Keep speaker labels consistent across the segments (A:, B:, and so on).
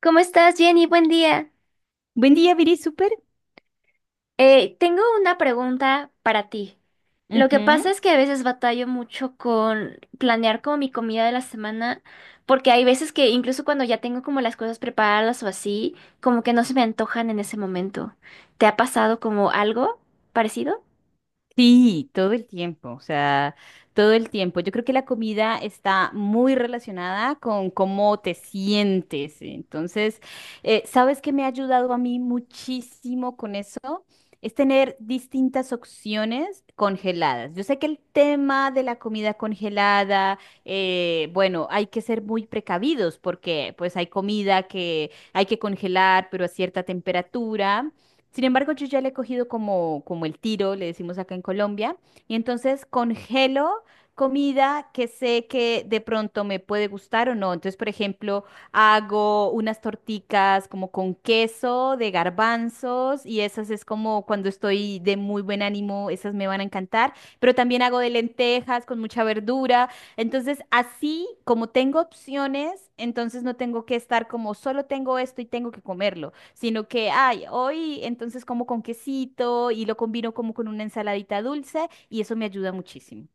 A: ¿Cómo estás, Jenny? Buen día.
B: Buen día, Viri, súper.
A: Tengo una pregunta para ti. Lo que pasa
B: Ujú.
A: es que a veces batallo mucho con planear como mi comida de la semana, porque hay veces que incluso cuando ya tengo como las cosas preparadas o así, como que no se me antojan en ese momento. ¿Te ha pasado como algo parecido?
B: Sí, todo el tiempo, o sea, todo el tiempo. Yo creo que la comida está muy relacionada con cómo te sientes. Entonces, ¿sabes qué me ha ayudado a mí muchísimo con eso? Es tener distintas opciones congeladas. Yo sé que el tema de la comida congelada, bueno, hay que ser muy precavidos porque pues hay comida que hay que congelar, pero a cierta temperatura. Sin embargo, yo ya le he cogido como el tiro, le decimos acá en Colombia, y entonces congelo comida que sé que de pronto me puede gustar o no. Entonces, por ejemplo, hago unas torticas como con queso de garbanzos y esas es como cuando estoy de muy buen ánimo, esas me van a encantar, pero también hago de lentejas con mucha verdura. Entonces, así como tengo opciones, entonces no tengo que estar como solo tengo esto y tengo que comerlo sino que, ay, hoy entonces como con quesito y lo combino como con una ensaladita dulce y eso me ayuda muchísimo.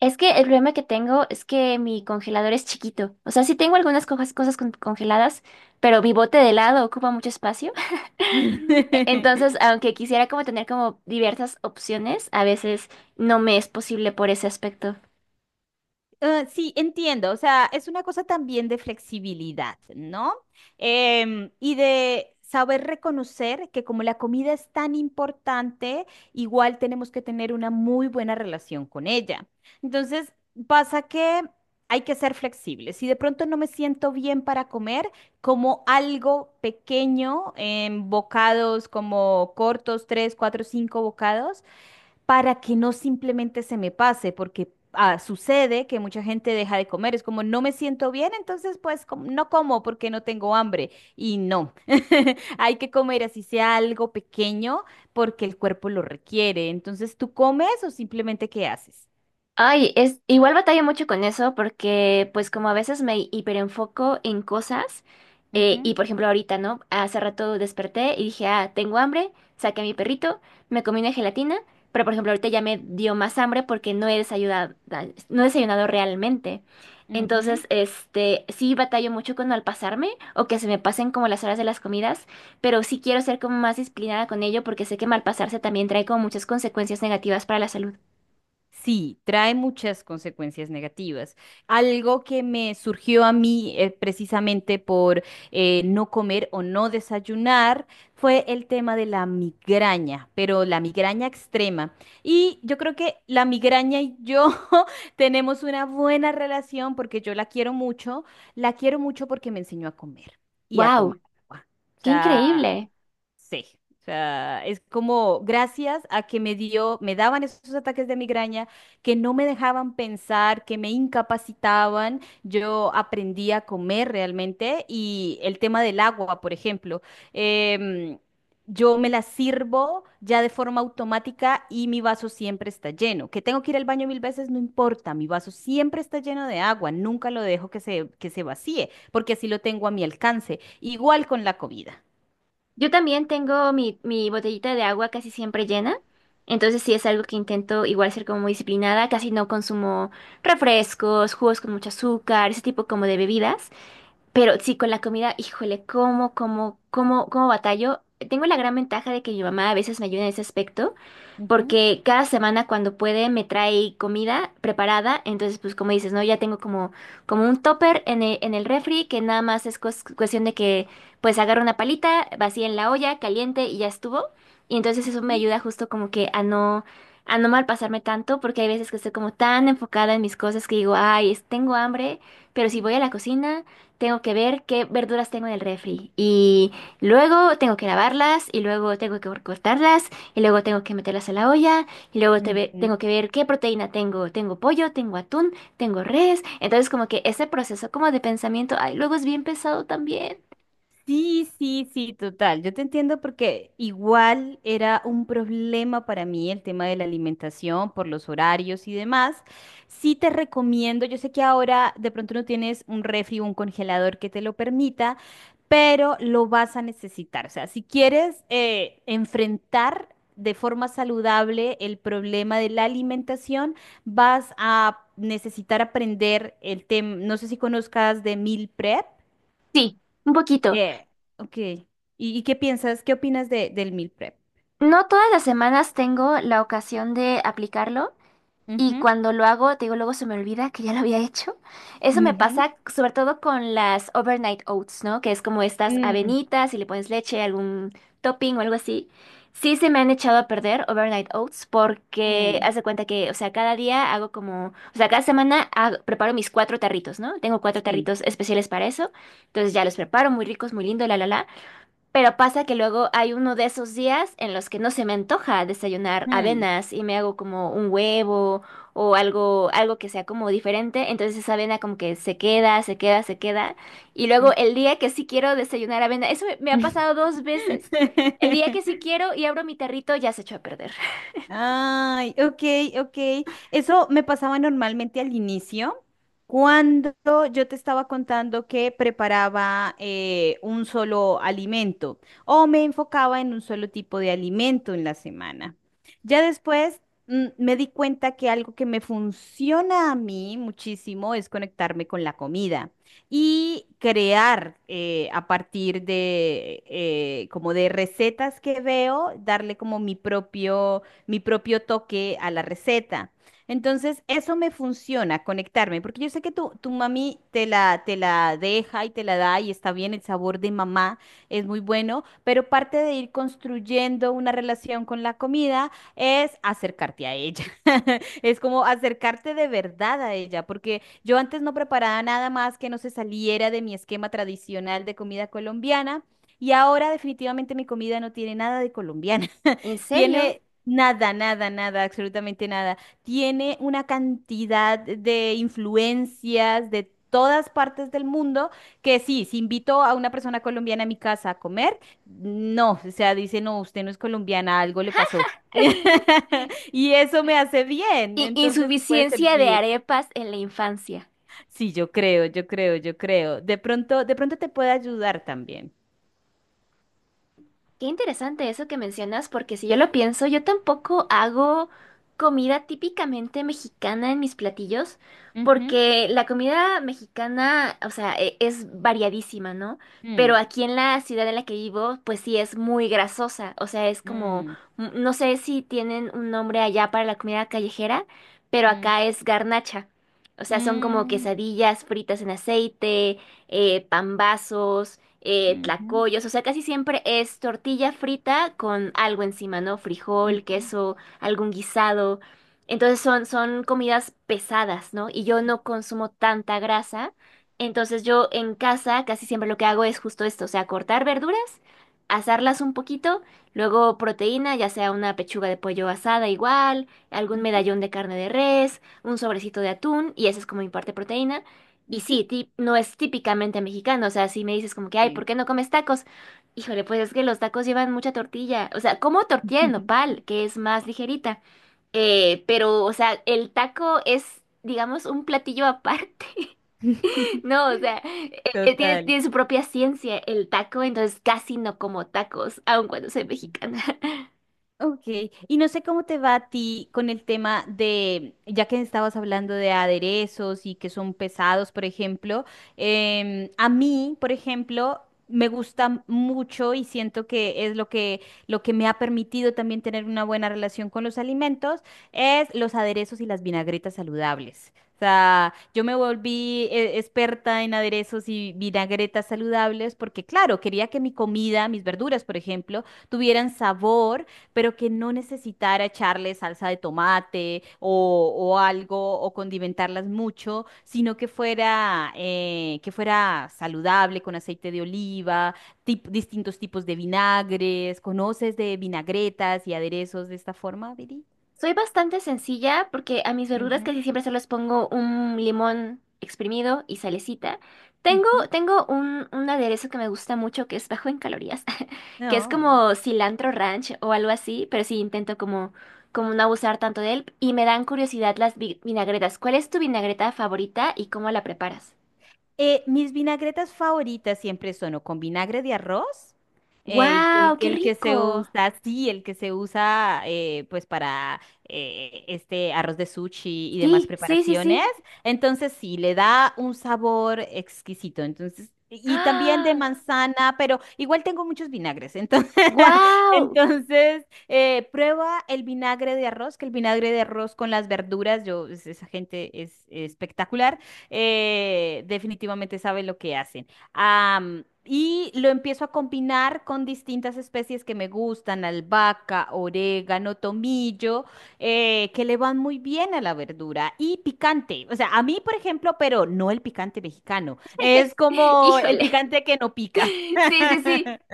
A: Es que el problema que tengo es que mi congelador es chiquito. O sea, sí tengo algunas cosas congeladas, pero mi bote de helado ocupa mucho espacio. Entonces, aunque quisiera como tener como diversas opciones, a veces no me es posible por ese aspecto.
B: Ah, sí, entiendo. O sea, es una cosa también de flexibilidad, ¿no? Y de saber reconocer que como la comida es tan importante, igual tenemos que tener una muy buena relación con ella. Entonces, pasa que hay que ser flexibles. Si de pronto no me siento bien para comer, como algo pequeño en bocados, como cortos, tres, cuatro, cinco bocados para que no simplemente se me pase, porque ah, sucede que mucha gente deja de comer, es como no me siento bien, entonces pues no como porque no tengo hambre y no, hay que comer así sea algo pequeño porque el cuerpo lo requiere, entonces tú comes o simplemente qué haces.
A: Ay, es igual batalla mucho con eso porque pues como a veces me hiperenfoco en cosas y
B: Ujú,
A: por ejemplo ahorita, ¿no? Hace rato desperté y dije, ah, tengo hambre, saqué a mi perrito, me comí una gelatina, pero por ejemplo ahorita ya me dio más hambre porque no he desayunado, no he desayunado realmente.
B: ujú.
A: Entonces, este, sí batallo mucho con al pasarme o que se me pasen como las horas de las comidas, pero sí quiero ser como más disciplinada con ello porque sé que mal pasarse también trae como muchas consecuencias negativas para la salud.
B: Sí, trae muchas consecuencias negativas. Algo que me surgió a mí precisamente por no comer o no desayunar fue el tema de la migraña, pero la migraña extrema. Y yo creo que la migraña y yo tenemos una buena relación porque yo la quiero mucho porque me enseñó a comer y a tomar
A: ¡Wow!
B: agua. O
A: Qué
B: sea,
A: increíble.
B: sí, o sea, es como gracias a que me dio, me daban esos ataques de migraña que no me dejaban pensar, que me incapacitaban. Yo aprendí a comer realmente y el tema del agua, por ejemplo, em, yo me la sirvo ya de forma automática y mi vaso siempre está lleno. Que tengo que ir al baño mil veces, no importa, mi vaso siempre está lleno de agua, nunca lo dejo que se vacíe, porque así lo tengo a mi alcance. Igual con la comida.
A: Yo también tengo mi botellita de agua casi siempre llena, entonces sí es algo que intento igual ser como muy disciplinada, casi no consumo refrescos, jugos con mucho azúcar, ese tipo como de bebidas, pero sí, con la comida, híjole, cómo, cómo, cómo, cómo batallo. Tengo la gran ventaja de que mi mamá a veces me ayuda en ese aspecto,
B: Ujú.
A: porque cada semana cuando puede me trae comida preparada, entonces pues como dices, ¿no? Ya tengo como, como un topper en el refri que nada más es cuestión de que pues agarro una palita, vacía en la olla, caliente y ya estuvo. Y entonces eso me ayuda justo como que a no malpasarme tanto, porque hay veces que estoy como tan enfocada en mis cosas que digo, ay, tengo hambre, pero si voy a la cocina... Tengo que ver qué verduras tengo en el refri y luego tengo que lavarlas y luego tengo que cortarlas y luego tengo que meterlas a la olla y luego
B: Ujú.
A: tengo que ver qué proteína tengo. Tengo pollo, tengo atún, tengo res. Entonces como que ese proceso como de pensamiento, ay, luego es bien pesado también.
B: Sí, sí, sí, total. Yo te entiendo porque igual era un problema para mí el tema de la alimentación por los horarios y demás. Sí te recomiendo, yo sé que ahora de pronto no tienes un refri o un congelador que te lo permita, pero lo vas a necesitar. O sea, si quieres enfrentar de forma saludable el problema de la alimentación, vas a necesitar aprender el tema, no sé si conozcas de meal prep.
A: Sí, un poquito.
B: Eh, ok. ¿Y qué piensas, qué opinas del meal prep?
A: No todas las semanas tengo la ocasión de aplicarlo. Y
B: Ujú,
A: cuando lo hago, te digo, luego se me olvida que ya lo había hecho. Eso me
B: ujú,
A: pasa sobre todo con las overnight oats, ¿no? Que es como estas
B: mm,
A: avenitas y le pones leche, algún topping o algo así. Sí se me han echado a perder overnight oats porque
B: mm,
A: haz de cuenta que, o sea, cada día hago como, o sea, cada semana preparo mis cuatro tarritos, ¿no? Tengo cuatro
B: sí.
A: tarritos especiales para eso. Entonces ya los preparo, muy ricos, muy lindo, la, la, la. Pero pasa que luego hay uno de esos días en los que no se me antoja desayunar
B: Mm,
A: avenas y me hago como un huevo o algo, algo que sea como diferente. Entonces esa avena como que se queda, se queda, se queda. Y luego el día que sí quiero desayunar avena, eso me ha
B: mm.
A: pasado 2 veces. El día que sí quiero y abro mi tarrito ya se echó a perder.
B: Ay, ok, ok. Eso me pasaba normalmente al inicio, cuando yo te estaba contando que preparaba un solo alimento o me enfocaba en un solo tipo de alimento en la semana. Ya después, me di cuenta que algo que me funciona a mí muchísimo es conectarme con la comida y crear a partir de como de recetas que veo, darle como mi propio toque a la receta. Entonces, eso me funciona, conectarme, porque yo sé que tu mami te la deja y te la da y está bien, el sabor de mamá es muy bueno, pero parte de ir construyendo una relación con la comida es acercarte a ella. Es como acercarte de verdad a ella, porque yo antes no preparaba nada más que no se saliera de mi esquema tradicional de comida colombiana. Y ahora definitivamente mi comida no tiene nada de colombiana.
A: ¿En serio?
B: Tiene nada, nada, nada, absolutamente nada. Tiene una cantidad de influencias de todas partes del mundo que sí, si invito a una persona colombiana a mi casa a comer, no, o sea, dice, no, usted no es colombiana, algo le pasó. Y eso me hace bien, entonces te puede
A: Insuficiencia de
B: servir.
A: arepas en la infancia.
B: Sí, yo creo, yo creo, yo creo. De pronto te puede ayudar también.
A: Qué interesante eso que mencionas, porque si yo lo pienso, yo tampoco hago comida típicamente mexicana en mis platillos,
B: Ujú,
A: porque la comida mexicana, o sea, es variadísima, ¿no?
B: mm,
A: Pero aquí en la ciudad en la que vivo, pues sí es muy grasosa, o sea, es como,
B: mm,
A: mm, no sé si tienen un nombre allá para la comida callejera, pero acá es garnacha. O sea, son como
B: mm,
A: quesadillas fritas en aceite, pambazos
B: mm, ujú,
A: tlacoyos, o sea, casi siempre es tortilla frita con algo encima, ¿no? Frijol,
B: ujú,
A: queso, algún guisado. Entonces son, son comidas pesadas, ¿no? Y yo no consumo tanta grasa. Entonces yo en casa casi siempre lo que hago es justo esto, o sea, cortar verduras, asarlas un poquito, luego proteína, ya sea una pechuga de pollo asada igual, algún
B: ujú,
A: medallón de carne de res, un sobrecito de atún, y esa es como mi parte proteína. Y
B: ujú.
A: sí, no es típicamente mexicano, o sea, si me dices como que, ay,
B: Sí.
A: ¿por qué no comes tacos? Híjole, pues es que los tacos llevan mucha tortilla, o sea, como tortilla de nopal, que es más ligerita, pero, o sea, el taco es, digamos, un platillo aparte, no, o sea, tiene,
B: Total.
A: tiene su propia ciencia el taco, entonces casi no como tacos, aun cuando soy mexicana.
B: Ok, y no sé cómo te va a ti con el tema de, ya que estabas hablando de aderezos y que son pesados, por ejemplo, a mí, por ejemplo, me gusta mucho y siento que es lo que me ha permitido también tener una buena relación con los alimentos, es los aderezos y las vinagretas saludables. O sea, yo me volví experta en aderezos y vinagretas saludables porque, claro, quería que mi comida, mis verduras, por ejemplo, tuvieran sabor pero que no necesitara echarle salsa de tomate o algo o condimentarlas mucho, sino que fuera saludable con aceite de oliva, distintos tipos de vinagres. ¿Conoces de vinagretas y aderezos de esta forma, Viri?
A: Soy bastante sencilla porque a mis verduras
B: Ujú,
A: casi siempre se les pongo un limón exprimido y salecita. Tengo,
B: ujú.
A: tengo un aderezo que me gusta mucho que es bajo en calorías, que es
B: No.
A: como cilantro ranch o algo así, pero sí intento como, como no abusar tanto de él. Y me dan curiosidad las vinagretas. ¿Cuál es tu vinagreta favorita y cómo la preparas?
B: Mis vinagretas favoritas siempre son o con vinagre de arroz, el,
A: ¡Guau! ¡Qué
B: el que se
A: rico!
B: usa, sí, el que se usa pues para este arroz de sushi y demás
A: Sí, sí, sí,
B: preparaciones.
A: sí.
B: Entonces sí, le da un sabor exquisito. Entonces, y también de
A: ¡Ah!
B: manzana, pero igual tengo muchos vinagres. Entonces,
A: ¡Guau!
B: entonces prueba el vinagre de arroz, que el vinagre de arroz con las verduras, yo, esa gente es espectacular definitivamente sabe lo que hacen. Y lo empiezo a combinar con distintas especies que me gustan, albahaca, orégano, tomillo, que le van muy bien a la verdura y picante. O sea, a mí, por ejemplo, pero no el picante mexicano, es como el
A: Híjole.
B: picante que no pica.
A: Sí, sí, sí.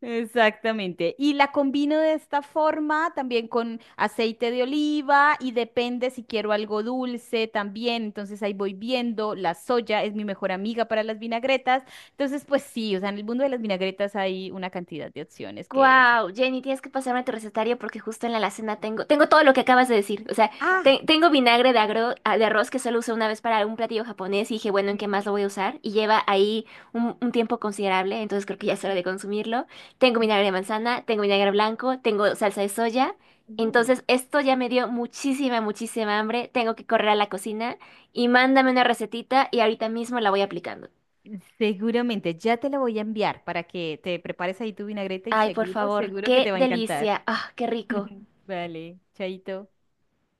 B: Exactamente. Y la combino de esta forma también con aceite de oliva y depende si quiero algo dulce también. Entonces ahí voy viendo. La soya es mi mejor amiga para las vinagretas. Entonces, pues sí, o sea, en el mundo de las vinagretas hay una cantidad de opciones que.
A: Wow, Jenny, tienes que pasarme tu recetario porque justo en la alacena tengo, tengo todo lo que acabas de decir. O sea,
B: Ah,
A: tengo vinagre de, ah, de arroz que solo usé una vez para un platillo japonés y dije, bueno, ¿en qué
B: ujú.
A: más lo voy a usar? Y lleva ahí un tiempo considerable, entonces creo que ya es hora de consumirlo. Tengo vinagre de manzana, tengo vinagre blanco, tengo salsa de soya.
B: uh,
A: Entonces, esto ya me dio muchísima, muchísima hambre. Tengo que correr a la cocina y mándame una recetita y ahorita mismo la voy aplicando.
B: Seguramente, ya te la voy a enviar para que te prepares ahí tu vinagreta y
A: Ay, por
B: seguro,
A: favor,
B: seguro que
A: qué
B: te va a encantar.
A: delicia. Ah, qué rico.
B: Vale, chaito.